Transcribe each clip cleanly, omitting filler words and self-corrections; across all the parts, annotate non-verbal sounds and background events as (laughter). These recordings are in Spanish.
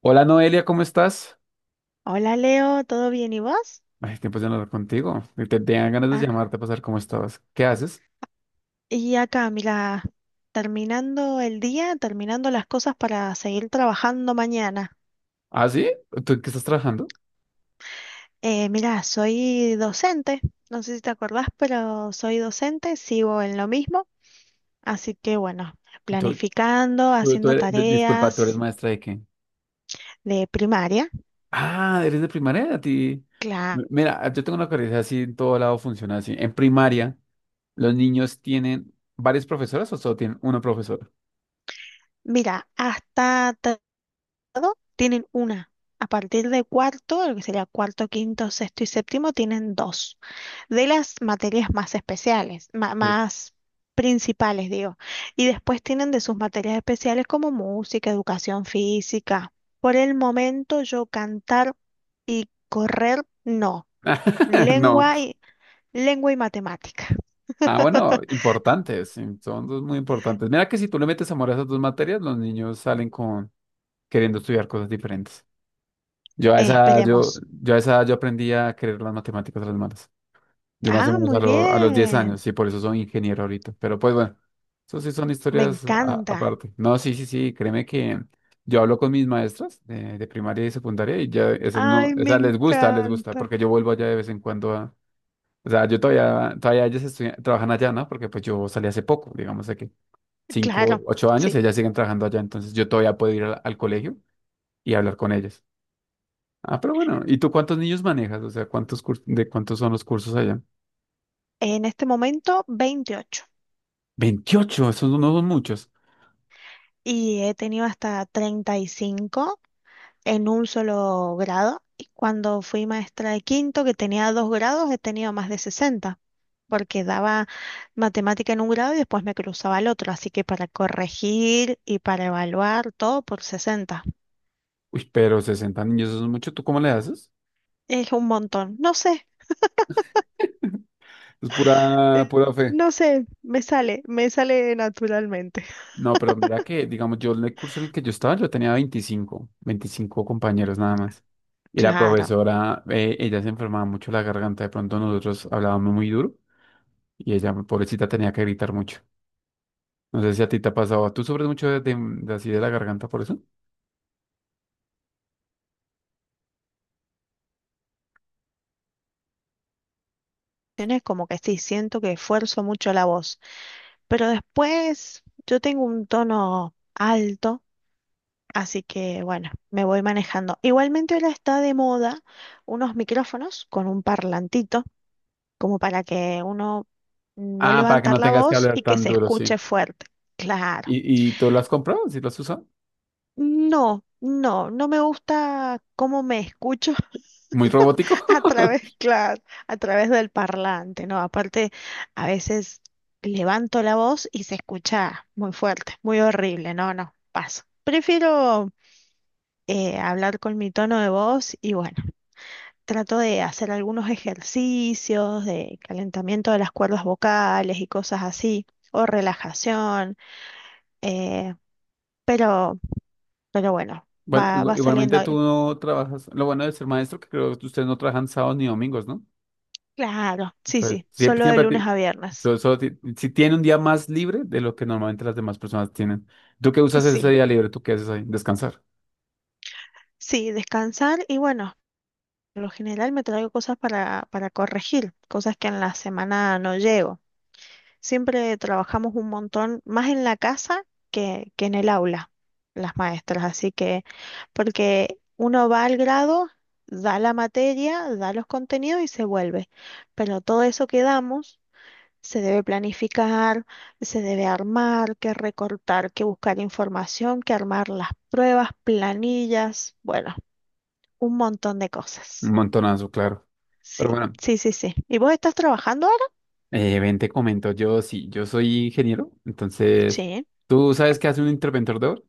Hola Noelia, ¿cómo estás? Hola Leo, ¿todo bien y vos? Ay, tiempo de no hablar contigo. Te tenía ganas de Ah, llamarte para saber cómo estabas. ¿Qué haces? y acá, mira, terminando el día, terminando las cosas para seguir trabajando mañana. ¿Ah, sí? ¿Tú en qué estás trabajando? Mira, soy docente, no sé si te acordás, pero soy docente, sigo en lo mismo, así que bueno, ¿Tú, planificando, tú- tú haciendo eres- di- disculpa, ¿tú eres tareas maestra de qué? de primaria. Ah, eres de primaria, a ti. Claro, Mira, yo tengo una curiosidad así, en todo lado funciona así. En primaria, ¿los niños tienen varias profesoras o solo tienen una profesora? mira, hasta todo tienen una. A partir de cuarto, lo que sería cuarto, quinto, sexto y séptimo, tienen dos. De las materias más especiales, Sí. más principales, digo. Y después tienen de sus materias especiales como música, educación física. Por el momento yo cantar y correr, no. (laughs) No. Lengua y, lengua y matemática. Ah, bueno, importantes. Sí, son dos muy importantes. Mira que si tú le metes amor a esas dos materias, los niños salen con queriendo estudiar cosas diferentes. Yo a esa, yo, Esperemos. yo a esa edad, yo aprendí a querer las matemáticas a las malas. Yo más o Ah, menos a, muy lo- a los 10 bien. años, sí, por eso soy ingeniero ahorita. Pero pues bueno, eso sí son Me historias a- encanta. aparte. No, sí, sí, sí, créeme que yo hablo con mis maestras de primaria y secundaria y ya eso no, Ay, o me sea, les gusta, encanta. porque yo vuelvo allá de vez en cuando o sea, yo todavía ellas trabajan allá, ¿no? Porque pues yo salí hace poco, digamos de que cinco Claro, 8 años, sí. ellas siguen trabajando allá, entonces yo todavía puedo ir al colegio y hablar con ellas. Ah, pero bueno, ¿y tú cuántos niños manejas? O sea, ¿De cuántos son los cursos allá? En este momento, 28. 28. Esos no son muchos. Y he tenido hasta 35 en un solo grado. Y cuando fui maestra de quinto, que tenía dos grados, he tenido más de 60, porque daba matemática en un grado y después me cruzaba al otro. Así que para corregir y para evaluar, todo por 60. Uy, pero 60 niños, eso es mucho. ¿Tú cómo le haces? Es un montón. No sé, Es pura, eh, pura fe. no sé, me sale naturalmente. (laughs) No, pero mira que, digamos, yo en el curso en el que yo estaba, yo tenía veinticinco compañeros nada más. Y la Claro, profesora, ella se enfermaba mucho la garganta, de pronto nosotros hablábamos muy duro y ella, pobrecita, tenía que gritar mucho. No sé si a ti te ha pasado, ¿tú sufres mucho de así de la garganta por eso? tienes como que sí, siento que esfuerzo mucho la voz, pero después yo tengo un tono alto. Así que bueno, me voy manejando. Igualmente ahora está de moda unos micrófonos con un parlantito, como para que uno no Ah, para que levantar no la tengas que voz hablar y que tan se duro, escuche sí. fuerte. Claro. Y tú lo has comprado? ¿Sí lo has usado? No, no, no me gusta cómo me escucho. Muy robótico. (laughs) A través, (laughs) claro, a través del parlante, ¿no? Aparte, a veces levanto la voz y se escucha muy fuerte, muy horrible. No, no, paso. Prefiero hablar con mi tono de voz y bueno. Trato de hacer algunos ejercicios de calentamiento de las cuerdas vocales y cosas así, o relajación, eh, pero, pero bueno, Bueno, va, igu- va igualmente saliendo tú ahí. no trabajas. Lo bueno de ser maestro, que creo que ustedes no trabajan sábados ni domingos, ¿no? Claro, sí, Entonces, sí, siempre, solo de siempre, lunes ti- a viernes. so- solo ti- si tiene un día más libre de lo que normalmente las demás personas tienen. ¿Tú qué usas ese Sí, día libre? ¿Tú qué haces ahí? Descansar. sí, descansar y bueno, por lo general me traigo cosas para corregir, cosas que en la semana no llego. Siempre trabajamos un montón, más en la casa que en el aula, las maestras. Así que, porque uno va al grado, da la materia, da los contenidos y se vuelve. Pero todo eso que damos se debe planificar, se debe armar, que recortar, que buscar información, que armar las pruebas, planillas, bueno, un montón de Un cosas. montonazo, claro. Pero Sí, bueno, sí, sí, sí. ¿Y vos estás trabajando ahora? Ven, te comento. Yo sí, yo soy ingeniero. Entonces, Sí, ¿tú sabes qué hace un interventor de oro?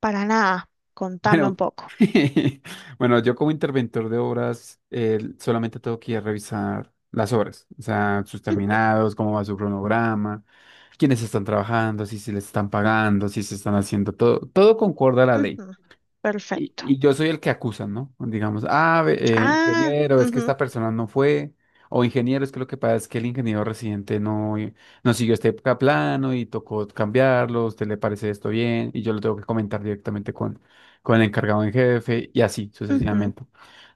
para nada. Contame un Bueno, poco. (laughs) bueno, yo como interventor de obras solamente tengo que ir a revisar las obras, o sea, sus (laughs) terminados, cómo va su cronograma, quiénes están trabajando, si se les están pagando, si se están haciendo todo, todo concuerda a la ley. Ujú, Y, perfecto. y yo soy el que acusan, ¿no? Digamos, ah, Ah, ingeniero, es que ujú, esta persona no fue, o ingeniero, es que lo que pasa es que el ingeniero residente no siguió este plano y tocó cambiarlo, ¿a usted le parece esto bien? Y yo lo tengo que comentar directamente con el encargado en jefe y así ujú. sucesivamente.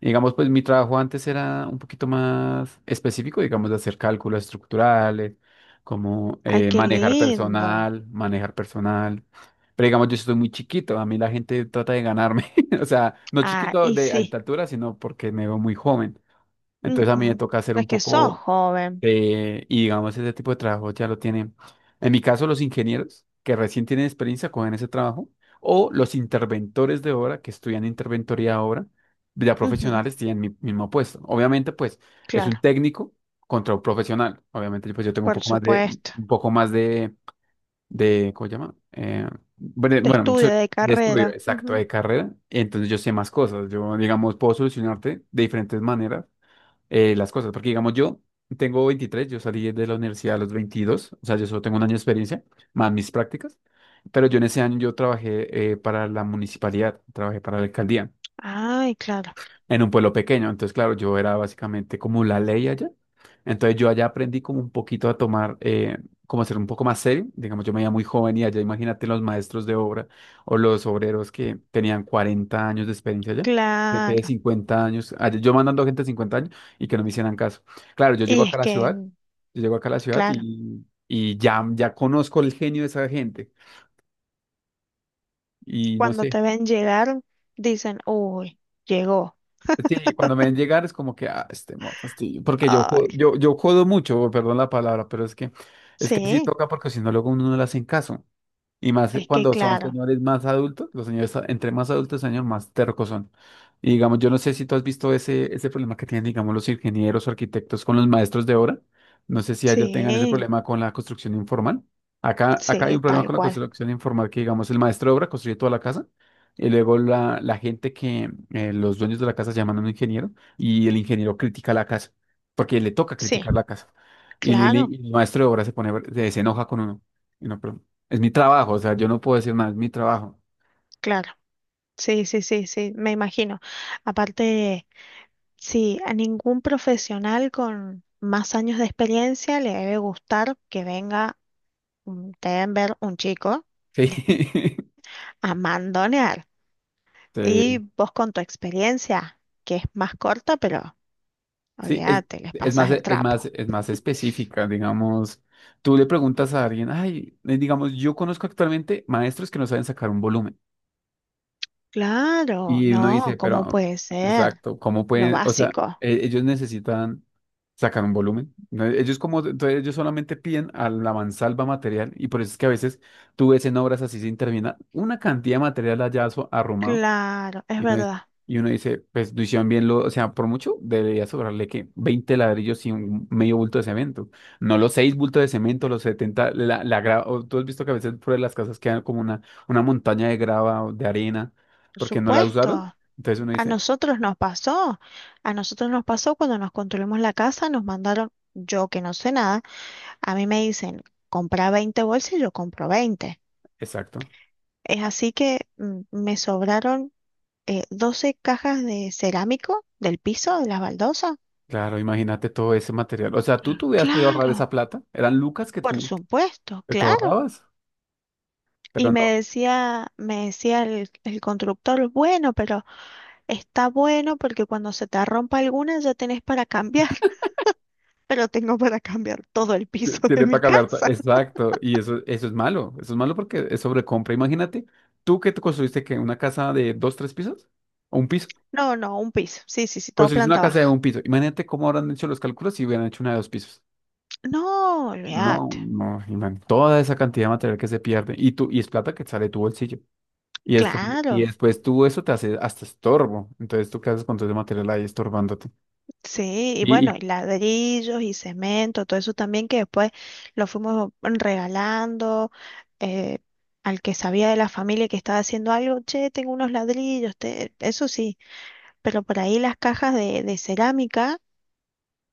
Digamos, pues mi trabajo antes era un poquito más específico, digamos, de hacer cálculos estructurales, como Ay, qué manejar lindo. personal, manejar personal. Pero digamos, yo estoy muy chiquito, a mí la gente trata de ganarme. (laughs) O sea, no Ah, chiquito y de alta sí. altura, sino porque me veo muy joven. Entonces a mí me Ujú. toca hacer un Es que sos poco joven. y digamos, ese tipo de trabajo ya lo tienen. En mi caso, los ingenieros que recién tienen experiencia cogen ese trabajo, o los interventores de obra que estudian interventoría de obra, ya Ujú, profesionales tienen mi mismo puesto. Obviamente, pues, es un claro, técnico contra un profesional. Obviamente, pues yo tengo un por poco más supuesto. un poco más de, ¿cómo se llama? Bueno, De bueno, estudio, soy de de estudio, carrera. exacto, Ujú. de carrera, entonces yo sé más cosas, yo, digamos, puedo solucionarte de diferentes maneras las cosas, porque, digamos, yo tengo 23. Yo salí de la universidad a los 22, o sea, yo solo tengo un año de experiencia, más mis prácticas, pero yo en ese año yo trabajé para la municipalidad, trabajé para la alcaldía, Ay, claro, en un pueblo pequeño. Entonces, claro, yo era básicamente como la ley allá. Entonces, yo allá aprendí como un poquito a tomar, como a ser un poco más serio. Digamos, yo me veía muy joven y allá, imagínate los maestros de obra o los obreros que tenían 40 años de experiencia allá. Gente de claro. 50 años, allá, yo mandando gente de 50 años y que no me hicieran caso. Claro, yo llego Y acá es a la ciudad, que, yo llego acá a la ciudad claro, y ya, ya conozco el genio de esa gente. Y no cuando sé. te ven llegar, dicen, uy, llegó. Sí, cuando me ven llegar es como que, ah, este moto, sí, porque yo, jo- Ay, yo, yo jodo mucho, perdón la palabra, pero es que así sí, toca porque si no luego uno no le hacen caso. Y más es que cuando son claro. señores más adultos, los señores, entre más adultos, señor, más tercos son. Y digamos, yo no sé si tú has visto ese, ese problema que tienen, digamos, los ingenieros o arquitectos con los maestros de obra. No sé si allá tengan ese Sí, problema con la construcción informal. Acá, acá hay sí, un problema tal con la cual. construcción informal que, digamos, el maestro de obra construye toda la casa y luego la gente que los dueños de la casa llaman a un ingeniero y el ingeniero critica la casa porque le toca Sí, criticar la casa. Y, el claro, y el maestro de obra se pone, se enoja con uno. Y no, pero es mi trabajo, o sea, yo no puedo decir nada, es mi trabajo. claro. Sí, sí, sí, sí, me imagino. Aparte, sí, a ningún profesional con más años de experiencia le debe gustar que venga un deben ver un chico, Sí, (laughs) a mandonear. Y sí, vos con tu experiencia, que es más corta, pero sí, es, olvídate, les es más, pasas el es más, trapo. es más específica, digamos. Tú le preguntas a alguien, ay, digamos, yo conozco actualmente maestros que no saben sacar un volumen. Claro, Y uno no, dice, ¿cómo pero, puede ser? exacto, ¿cómo Lo pueden? O sea, básico. ellos necesitan sacar un volumen, ¿no? Ellos como, entonces ellos solamente piden a la mansalva material y por eso es que a veces tú ves en obras así sin terminar una cantidad de material allá arrumado. Claro, es Y uno, es- verdad. y uno dice, pues lo hicieron bien, lo, o sea, por mucho debería sobrarle que 20 ladrillos y un medio bulto de cemento. No los 6 bultos de cemento, los 70 o tú has visto que a veces por las casas quedan como una montaña de grava o de arena Por porque no la usaron. supuesto. Entonces uno A dice, nosotros nos pasó, a nosotros nos pasó cuando nos construimos la casa, nos mandaron, yo que no sé nada, a mí me dicen, compra 20 bolsas y yo compro 20. exacto. Es así que me sobraron 12 cajas de cerámico del piso, de las baldosas. Claro, imagínate todo ese material. O sea, tú hubieras podido ahorrar esa Claro, plata. Eran lucas que por tú, supuesto, que tú claro. ahorrabas, pero no. Me decía el constructor, bueno, pero está bueno porque cuando se te rompa alguna ya tenés para cambiar, (laughs) pero tengo para cambiar todo el T- piso de Tiene para mi cambiar. Casa. Exacto. Y eso es malo. Eso es malo porque es sobrecompra. Imagínate, tú que te construiste que una casa de dos, tres pisos o un piso. No, no, un piso. Sí, sí, sí, todo Construiste una planta casa de baja. un piso. Imagínate cómo habrán hecho los cálculos si hubieran hecho una de dos pisos. No, No, olvídate. no, imagínate toda esa cantidad de material que se pierde. Y tú, y es plata que sale de tu bolsillo. Y Claro. después tú eso te hace hasta estorbo. Entonces, ¿tú qué haces con todo ese material ahí estorbándote? Sí, y Y, bueno, y- y ladrillos y cemento, todo eso también que después lo fuimos regalando eh, al que sabía de la familia que estaba haciendo algo, che, tengo unos ladrillos, te-". Eso sí, pero por ahí las cajas de cerámica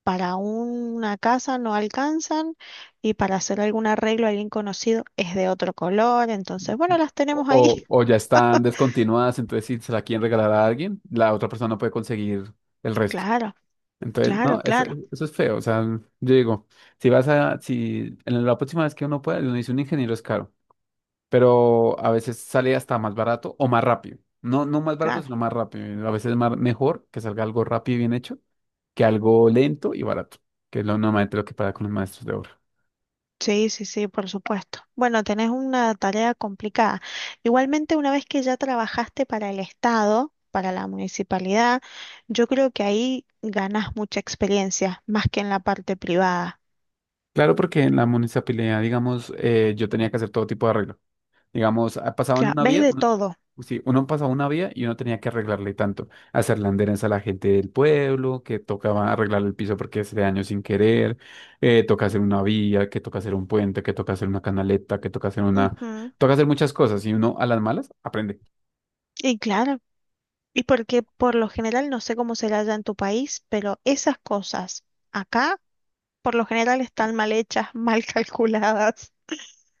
para una casa no alcanzan y para hacer algún arreglo a alguien conocido es de otro color, entonces, bueno, las tenemos ahí. o (laughs) ya están descontinuadas, entonces si se la quieren regalar a alguien, la otra persona no puede conseguir el resto. Claro, Entonces, no, claro, eso, claro. eso es feo. O sea, yo digo, si vas a, si en la próxima vez que uno pueda, uno dice un ingeniero es caro, pero a veces sale hasta más barato o más rápido. No, no más barato, Claro, sino más rápido. A veces es más, mejor que salga algo rápido y bien hecho que algo lento y barato, que es lo normalmente lo que pasa con los maestros de obra. sí, sí, sí, por supuesto. Bueno, tenés una tarea complicada. Igualmente, una vez que ya trabajaste para el Estado, para la municipalidad, yo creo que ahí ganás mucha experiencia, más que en la parte privada. Claro, porque en la municipalidad, digamos, yo tenía que hacer todo tipo de arreglo. Digamos, ah, pasaban Claro, una ves vía, de uno, todo. sí, uno pasaba una vía y uno tenía que arreglarle tanto, hacerle anderes a la gente del pueblo, que tocaba arreglar el piso porque hace daño sin querer, toca hacer una vía, que toca hacer un puente, que toca hacer una canaleta, que toca hacer una. Ujú. Toca hacer muchas cosas y uno a las malas aprende. Y claro, y porque por lo general, no sé cómo será allá en tu país, pero esas cosas acá, por lo general, están mal hechas, mal (laughs) calculadas.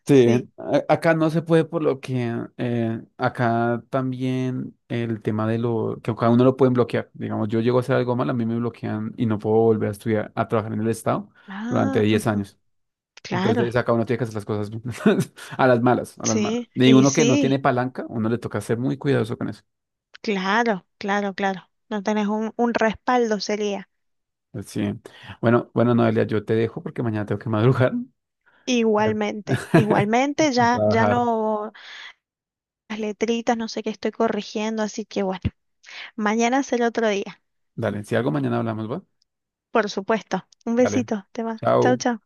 Sí, Sí. Acá no se puede por lo que acá también el tema de lo que cada uno lo pueden bloquear. Digamos, yo llego a hacer algo mal, a mí me bloquean y no puedo volver a estudiar, a trabajar en el Estado durante Ah, 10 ujú. años. Claro, Entonces acá uno tiene que hacer las cosas (laughs) a las malas, a las malas. sí, Y y uno que no tiene sí. palanca, uno le toca ser muy cuidadoso con eso. Claro, claro, claro. No tenés un respaldo, sería. Pues sí. Bueno, bueno, Noelia, yo te dejo porque mañana tengo que madrugar Igualmente, igualmente, (laughs) a ya, ya trabajar. no, las letritas, no sé qué estoy corrigiendo, así que bueno, mañana será otro día. Dale, si algo mañana hablamos, ¿va? Por supuesto. Un Dale, besito, te va. Chau, chao. chau.